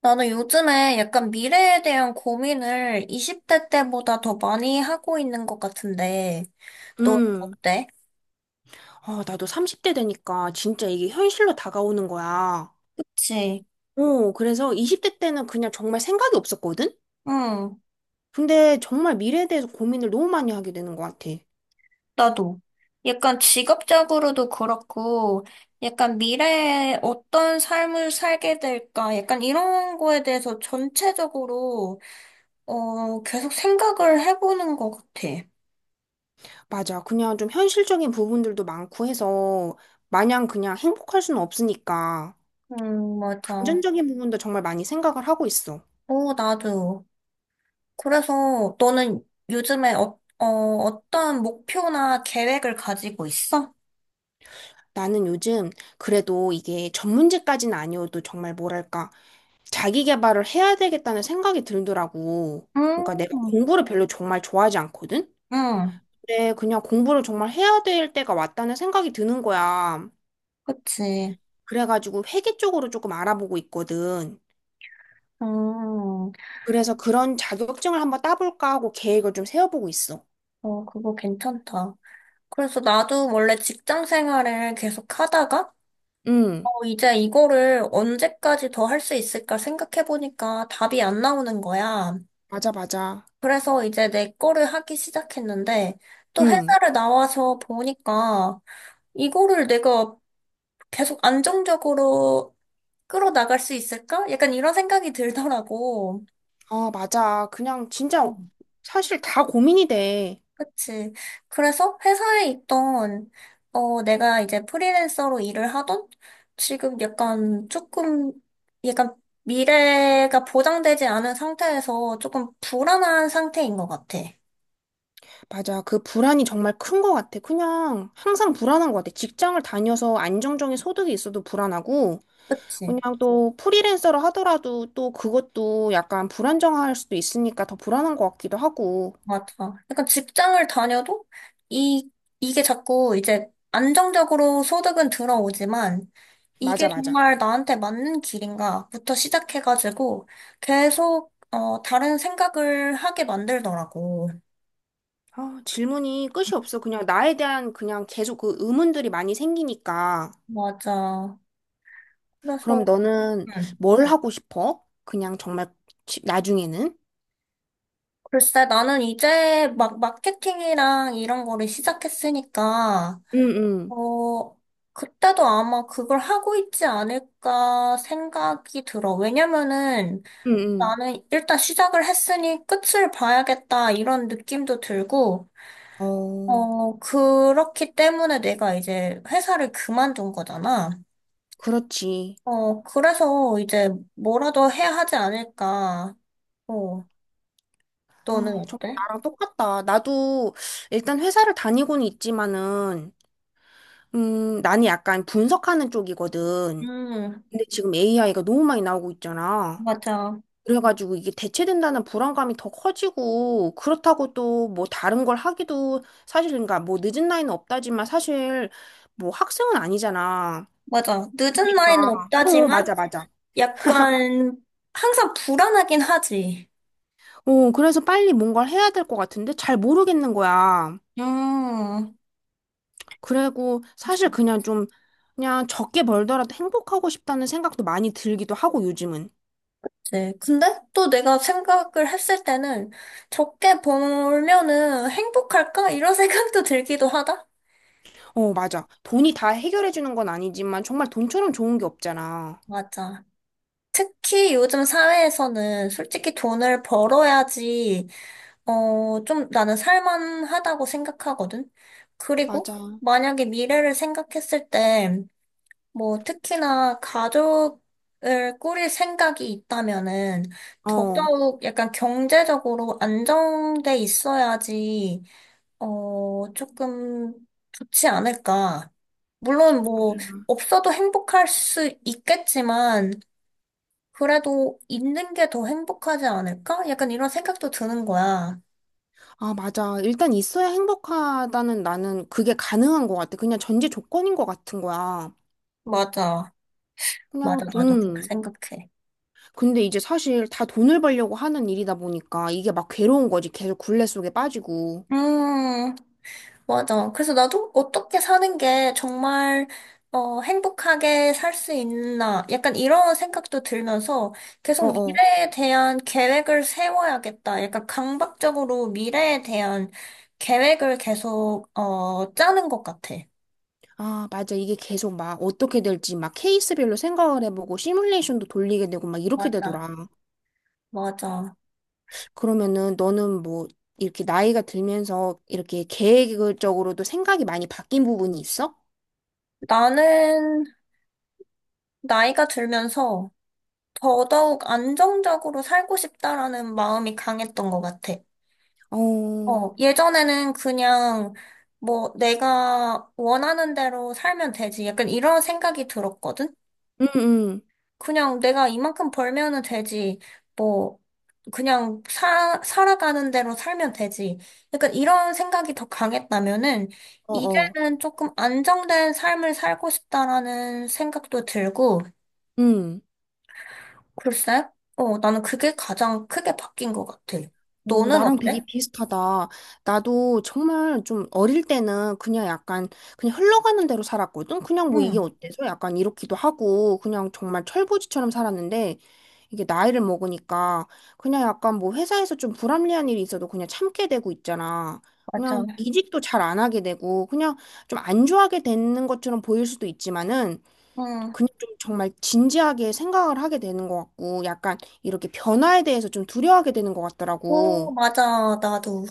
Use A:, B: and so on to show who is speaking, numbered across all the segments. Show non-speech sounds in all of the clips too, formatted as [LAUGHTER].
A: 나는 요즘에 약간 미래에 대한 고민을 20대 때보다 더 많이 하고 있는 것 같은데, 너
B: 음,
A: 어때?
B: 아, 나도 30대 되니까 진짜 이게 현실로 다가오는 거야.
A: 그치?
B: 어, 그래서 20대 때는 그냥 정말 생각이 없었거든?
A: 응,
B: 근데 정말 미래에 대해서 고민을 너무 많이 하게 되는 것 같아.
A: 나도. 약간 직업적으로도 그렇고, 약간 미래에 어떤 삶을 살게 될까, 약간 이런 거에 대해서 전체적으로, 계속 생각을 해보는 것 같아.
B: 맞아. 그냥 좀 현실적인 부분들도 많고 해서 마냥 그냥 행복할 수는 없으니까
A: 맞아.
B: 금전적인 부분도 정말 많이 생각을 하고 있어.
A: 오, 나도. 그래서 너는 요즘에 어떤 목표나 계획을 가지고 있어?
B: 나는 요즘 그래도 이게 전문직까지는 아니어도 정말 뭐랄까. 자기 개발을 해야 되겠다는 생각이 들더라고. 그러니까 내가
A: 음,
B: 공부를 별로 정말 좋아하지 않거든?
A: 응,
B: 근데 그냥 공부를 정말 해야 될 때가 왔다는 생각이 드는 거야.
A: 그치.
B: 그래가지고 회계 쪽으로 조금 알아보고 있거든.
A: 음,
B: 그래서 그런 자격증을 한번 따볼까 하고 계획을 좀 세워보고 있어.
A: 그거 괜찮다. 그래서 나도 원래 직장 생활을 계속 하다가,
B: 응,
A: 이제 이거를 언제까지 더 할 수 있을까 생각해보니까 답이 안 나오는 거야.
B: 맞아, 맞아.
A: 그래서 이제 내 거를 하기 시작했는데, 또
B: 응,
A: 회사를 나와서 보니까, 이거를 내가 계속 안정적으로 끌어나갈 수 있을까? 약간 이런 생각이 들더라고.
B: 아, 맞아. 그냥
A: 어,
B: 진짜 사실 다 고민이 돼.
A: 그치. 그래서 회사에 있던, 내가 이제 프리랜서로 일을 하던 지금 약간 조금, 약간 미래가 보장되지 않은 상태에서 조금 불안한 상태인 것 같아.
B: 맞아. 그 불안이 정말 큰 것 같아. 그냥 항상 불안한 것 같아. 직장을 다녀서 안정적인 소득이 있어도 불안하고,
A: 그치.
B: 그냥 또 프리랜서를 하더라도 또 그것도 약간 불안정할 수도 있으니까 더 불안한 것 같기도 하고.
A: 맞아. 약간 직장을 다녀도 이, 이게 자꾸 이제 안정적으로 소득은 들어오지만 이게
B: 맞아, 맞아.
A: 정말 나한테 맞는 길인가부터 시작해가지고 계속, 다른 생각을 하게 만들더라고.
B: 아, 질문이 끝이 없어. 그냥 나에 대한 그냥 계속 그 의문들이 많이 생기니까.
A: 맞아. 그래서,
B: 그럼 너는
A: 음,
B: 뭘 하고 싶어? 그냥 정말 나중에는?
A: 글쎄, 나는 이제 막 마케팅이랑 이런 거를 시작했으니까,
B: 응, 응,
A: 어, 그때도 아마 그걸 하고 있지 않을까 생각이 들어. 왜냐면은,
B: 응,
A: 나는 일단 시작을 했으니 끝을 봐야겠다 이런 느낌도 들고,
B: 응. 어,
A: 그렇기 때문에 내가 이제 회사를 그만둔 거잖아.
B: 그렇지.
A: 그래서 이제 뭐라도 해야 하지 않을까. 어, 너는
B: 아, 정말
A: 어때?
B: 나랑 똑같다. 나도 일단 회사를 다니고는 있지만은, 나는 약간 분석하는 쪽이거든.
A: 음,
B: 근데 지금 AI가 너무 많이 나오고 있잖아.
A: 맞아.
B: 그래가지고 이게 대체된다는 불안감이 더 커지고, 그렇다고 또 뭐 다른 걸 하기도 사실, 그러니까 뭐 늦은 나이는 없다지만 사실 뭐 학생은 아니잖아.
A: 맞아. 늦은
B: 그러니까.
A: 나이는
B: 어,
A: 없다지만
B: 맞아, 맞아.
A: 약간 항상 불안하긴 하지.
B: 어, 그래서 빨리 뭔가를 해야 될 것 같은데 잘 모르겠는 거야.
A: 음.
B: 그리고 사실 그냥 좀, 그냥 적게 벌더라도 행복하고 싶다는 생각도 많이 들기도 하고, 요즘은.
A: 네. 근데 또 내가 생각을 했을 때는 적게 벌면은 행복할까? 이런 [LAUGHS] 생각도 들기도 하다?
B: 어, 맞아. 돈이 다 해결해주는 건 아니지만 정말 돈처럼 좋은 게 없잖아.
A: 맞아. 특히 요즘 사회에서는 솔직히 돈을 벌어야지, 좀 나는 살만하다고 생각하거든? 그리고
B: 맞아.
A: 만약에 미래를 생각했을 때, 뭐, 특히나 가족을 꾸릴 생각이 있다면은
B: 어.
A: 더더욱 약간 경제적으로 안정돼 있어야지 조금 좋지 않을까. 물론 뭐, 없어도 행복할 수 있겠지만, 그래도 있는 게 더 행복하지 않을까? 약간 이런 생각도 드는 거야.
B: 아, 맞아. 일단 있어야 행복하다는 나는 그게 가능한 것 같아. 그냥 전제 조건인 것 같은 거야.
A: 맞아. 맞아.
B: 그냥
A: 나도 그렇게
B: 좀.
A: 생각해.
B: 근데 이제 사실 다 돈을 벌려고 하는 일이다 보니까 이게 막 괴로운 거지. 계속 굴레 속에 빠지고.
A: 음. 맞아. 그래서 나도 어떻게 사는 게 정말 행복하게 살 수 있나 약간 이런 생각도 들면서 계속
B: 어어.
A: 미래에 대한 계획을 세워야겠다. 약간 강박적으로 미래에 대한 계획을 계속 짜는 것 같아.
B: 아, 맞아. 이게 계속 막 어떻게 될지 막 케이스별로 생각을 해보고 시뮬레이션도 돌리게 되고 막 이렇게
A: 맞아.
B: 되더라.
A: 맞아.
B: 그러면은 너는 뭐 이렇게 나이가 들면서 이렇게 계획적으로도 생각이 많이 바뀐 부분이 있어?
A: 나는 나이가 들면서 더더욱 안정적으로 살고 싶다라는 마음이 강했던 것 같아.
B: 어.
A: 예전에는 그냥 뭐 내가 원하는 대로 살면 되지. 약간 이런 생각이 들었거든?
B: 응, 응.
A: 그냥 내가 이만큼 벌면은 되지. 뭐, 그냥 살아가는 대로 살면 되지. 약간 이런 생각이 더 강했다면은
B: 어어.
A: 이제는 조금 안정된 삶을 살고 싶다라는 생각도 들고,
B: 음.
A: 글쎄, 나는 그게 가장 크게 바뀐 것 같아.
B: 오,
A: 너는
B: 나랑 되게
A: 어때?
B: 비슷하다. 나도 정말 좀 어릴 때는 그냥 약간 그냥 흘러가는 대로 살았거든. 그냥 뭐 이게
A: 응,
B: 어때서 약간 이렇기도 하고 그냥 정말 철부지처럼 살았는데 이게 나이를 먹으니까 그냥 약간 뭐 회사에서 좀 불합리한 일이 있어도 그냥 참게 되고 있잖아.
A: 맞아.
B: 그냥 이직도 잘 안 하게 되고 그냥 좀 안 좋아하게 되는 것처럼 보일 수도 있지만은
A: 응.
B: 그냥 좀 정말 진지하게 생각을 하게 되는 것 같고, 약간 이렇게 변화에 대해서 좀 두려워하게 되는 것
A: 오,
B: 같더라고.
A: 맞아, 나도.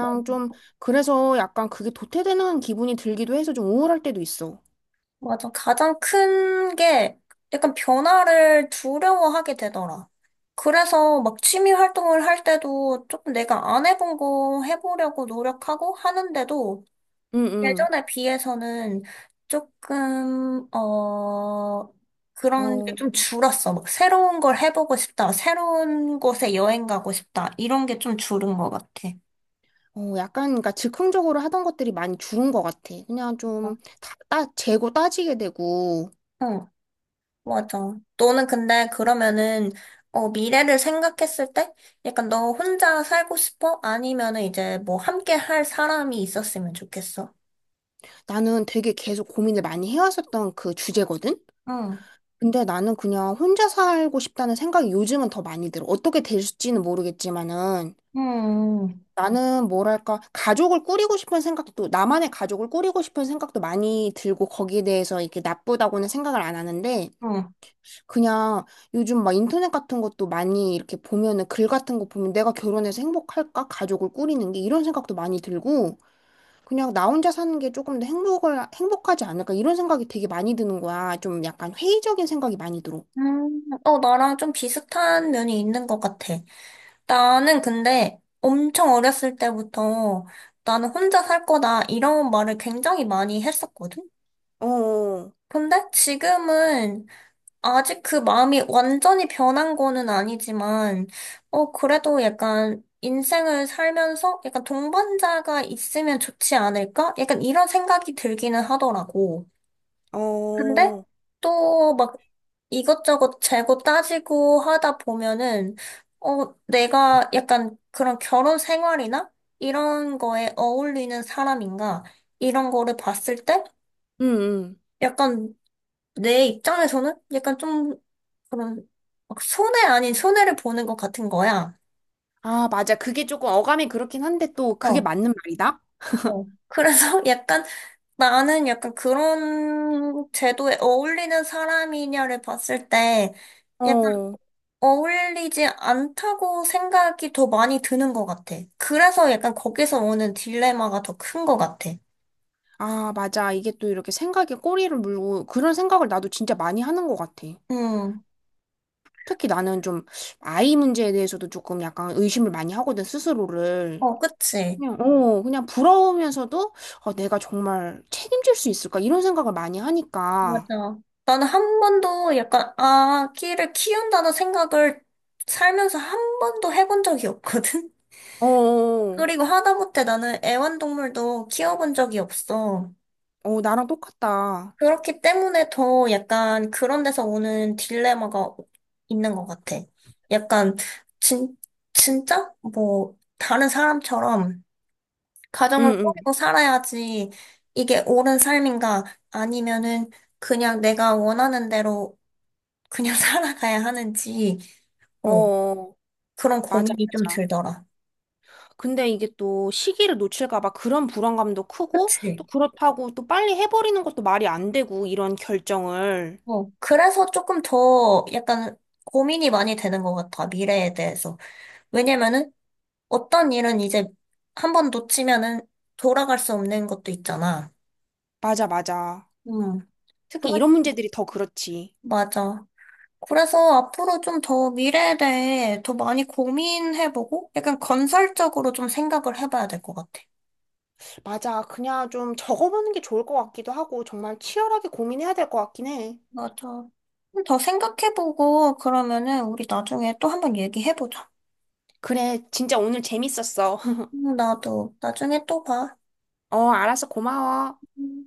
A: 어,
B: 좀, 그래서 약간 그게 도태되는 기분이 들기도 해서 좀 우울할 때도 있어.
A: 맞아. 가장 큰 게 약간 변화를 두려워하게 되더라. 그래서 막 취미 활동을 할 때도 조금 내가 안 해본 거 해보려고 노력하고 하는데도
B: 응, 응.
A: 예전에 비해서는 조금, 그런 게
B: 어,
A: 좀 줄었어. 막 새로운 걸 해보고 싶다. 새로운 곳에 여행 가고 싶다. 이런 게 좀 줄은 것 같아.
B: 어, 약간, 그러니까 즉흥적으로 하던 것들이 많이 줄은 것 같아. 그냥 좀, 재고 따지게 되고,
A: 어. 맞아. 너는 근데 그러면은, 미래를 생각했을 때? 약간 너 혼자 살고 싶어? 아니면은 이제 뭐 함께 할 사람이 있었으면 좋겠어?
B: 나는 되게 계속 고민을 많이 해왔었던 그 주제거든?
A: 응,
B: 근데 나는 그냥 혼자 살고 싶다는 생각이 요즘은 더 많이 들어. 어떻게 될지는 모르겠지만은.
A: 응
B: 나는 뭐랄까, 가족을 꾸리고 싶은 생각도, 나만의 가족을 꾸리고 싶은 생각도 많이 들고 거기에 대해서 이렇게 나쁘다고는 생각을 안 하는데,
A: 응.
B: 그냥 요즘 막 인터넷 같은 것도 많이 이렇게 보면은 글 같은 거 보면 내가 결혼해서 행복할까? 가족을 꾸리는 게 이런 생각도 많이 들고, 그냥 나 혼자 사는 게 조금 더 행복하지 않을까? 이런 생각이 되게 많이 드는 거야. 좀 약간 회의적인 생각이 많이 들어.
A: 나랑 좀 비슷한 면이 있는 것 같아. 나는 근데 엄청 어렸을 때부터 나는 혼자 살 거다 이런 말을 굉장히 많이 했었거든?
B: 어,
A: 근데 지금은 아직 그 마음이 완전히 변한 거는 아니지만, 그래도 약간 인생을 살면서 약간 동반자가 있으면 좋지 않을까? 약간 이런 생각이 들기는 하더라고. 근데
B: 어,
A: 또 막 이것저것 재고 따지고 하다 보면은, 내가 약간 그런 결혼 생활이나 이런 거에 어울리는 사람인가? 이런 거를 봤을 때
B: 응, 응.
A: 약간 내 입장에서는 약간 좀 그런 막 손해 아닌 손해를 보는 것 같은 거야.
B: 아, 맞아. 그게 조금 어감이 그렇긴 한데 또 그게
A: 어,
B: 맞는 말이다.
A: 어. 그래서 [LAUGHS] 약간 나는 약간 그런 제도에 어울리는 사람이냐를 봤을 때 약간
B: 어,
A: 어울리지 않다고 생각이 더 많이 드는 것 같아. 그래서 약간 거기서 오는 딜레마가 더 큰 것 같아.
B: 아, 맞아. 이게 또 이렇게 생각에 꼬리를 물고 그런 생각을 나도 진짜 많이 하는 것 같아.
A: 음,
B: 특히 나는 좀 아이 문제에 대해서도 조금 약간 의심을 많이 하거든, 스스로를.
A: 어, 그치.
B: 그냥, 어, 그냥 부러우면서도 어, 내가 정말 책임질 수 있을까? 이런 생각을 많이 하니까.
A: 맞아. 나는 한 번도 약간 아기를 키운다는 생각을 살면서 한 번도 해본 적이 없거든.
B: 어, 어,
A: 그리고 하다못해 나는 애완동물도 키워본 적이 없어.
B: 어, 나랑 똑같다.
A: 그렇기 때문에 더 약간 그런 데서 오는 딜레마가 있는 것 같아. 약간, 진, 진짜? 뭐, 다른 사람처럼 가정을
B: 응,
A: 꾸리고 살아야지 이게 옳은 삶인가 아니면은 그냥 내가 원하는 대로 그냥 [LAUGHS] 살아가야 하는지,
B: 응. 어,
A: 어,
B: 어.
A: 그런
B: 맞아,
A: 고민이 좀
B: 맞아.
A: 들더라.
B: 근데 이게 또 시기를 놓칠까 봐 그런 불안감도 크고
A: 그치?
B: 또 그렇다고 또 빨리 해버리는 것도 말이 안 되고 이런 결정을.
A: 그래서 조금 더 약간 고민이 많이 되는 것 같아, 미래에 대해서. 왜냐면은 어떤 일은 이제 한 번 놓치면은 돌아갈 수 없는 것도 있잖아.
B: 맞아, 맞아.
A: 응. 그래,
B: 특히 이런 문제들이 더 그렇지.
A: 맞아. 그래서 앞으로 좀 더 미래에 대해 더 많이 고민해보고 약간 건설적으로 좀 생각을 해봐야 될 것 같아.
B: 맞아. 그냥 좀 적어보는 게 좋을 것 같기도 하고 정말 치열하게 고민해야 될 것 같긴 해.
A: 맞아. 좀 더 생각해보고 그러면은 우리 나중에 또 한 번 얘기해보자.
B: 그래, 진짜 오늘 재밌었어. [LAUGHS]
A: 나도 나중에 또 봐.
B: 어, 알았어. 고마워.
A: 음.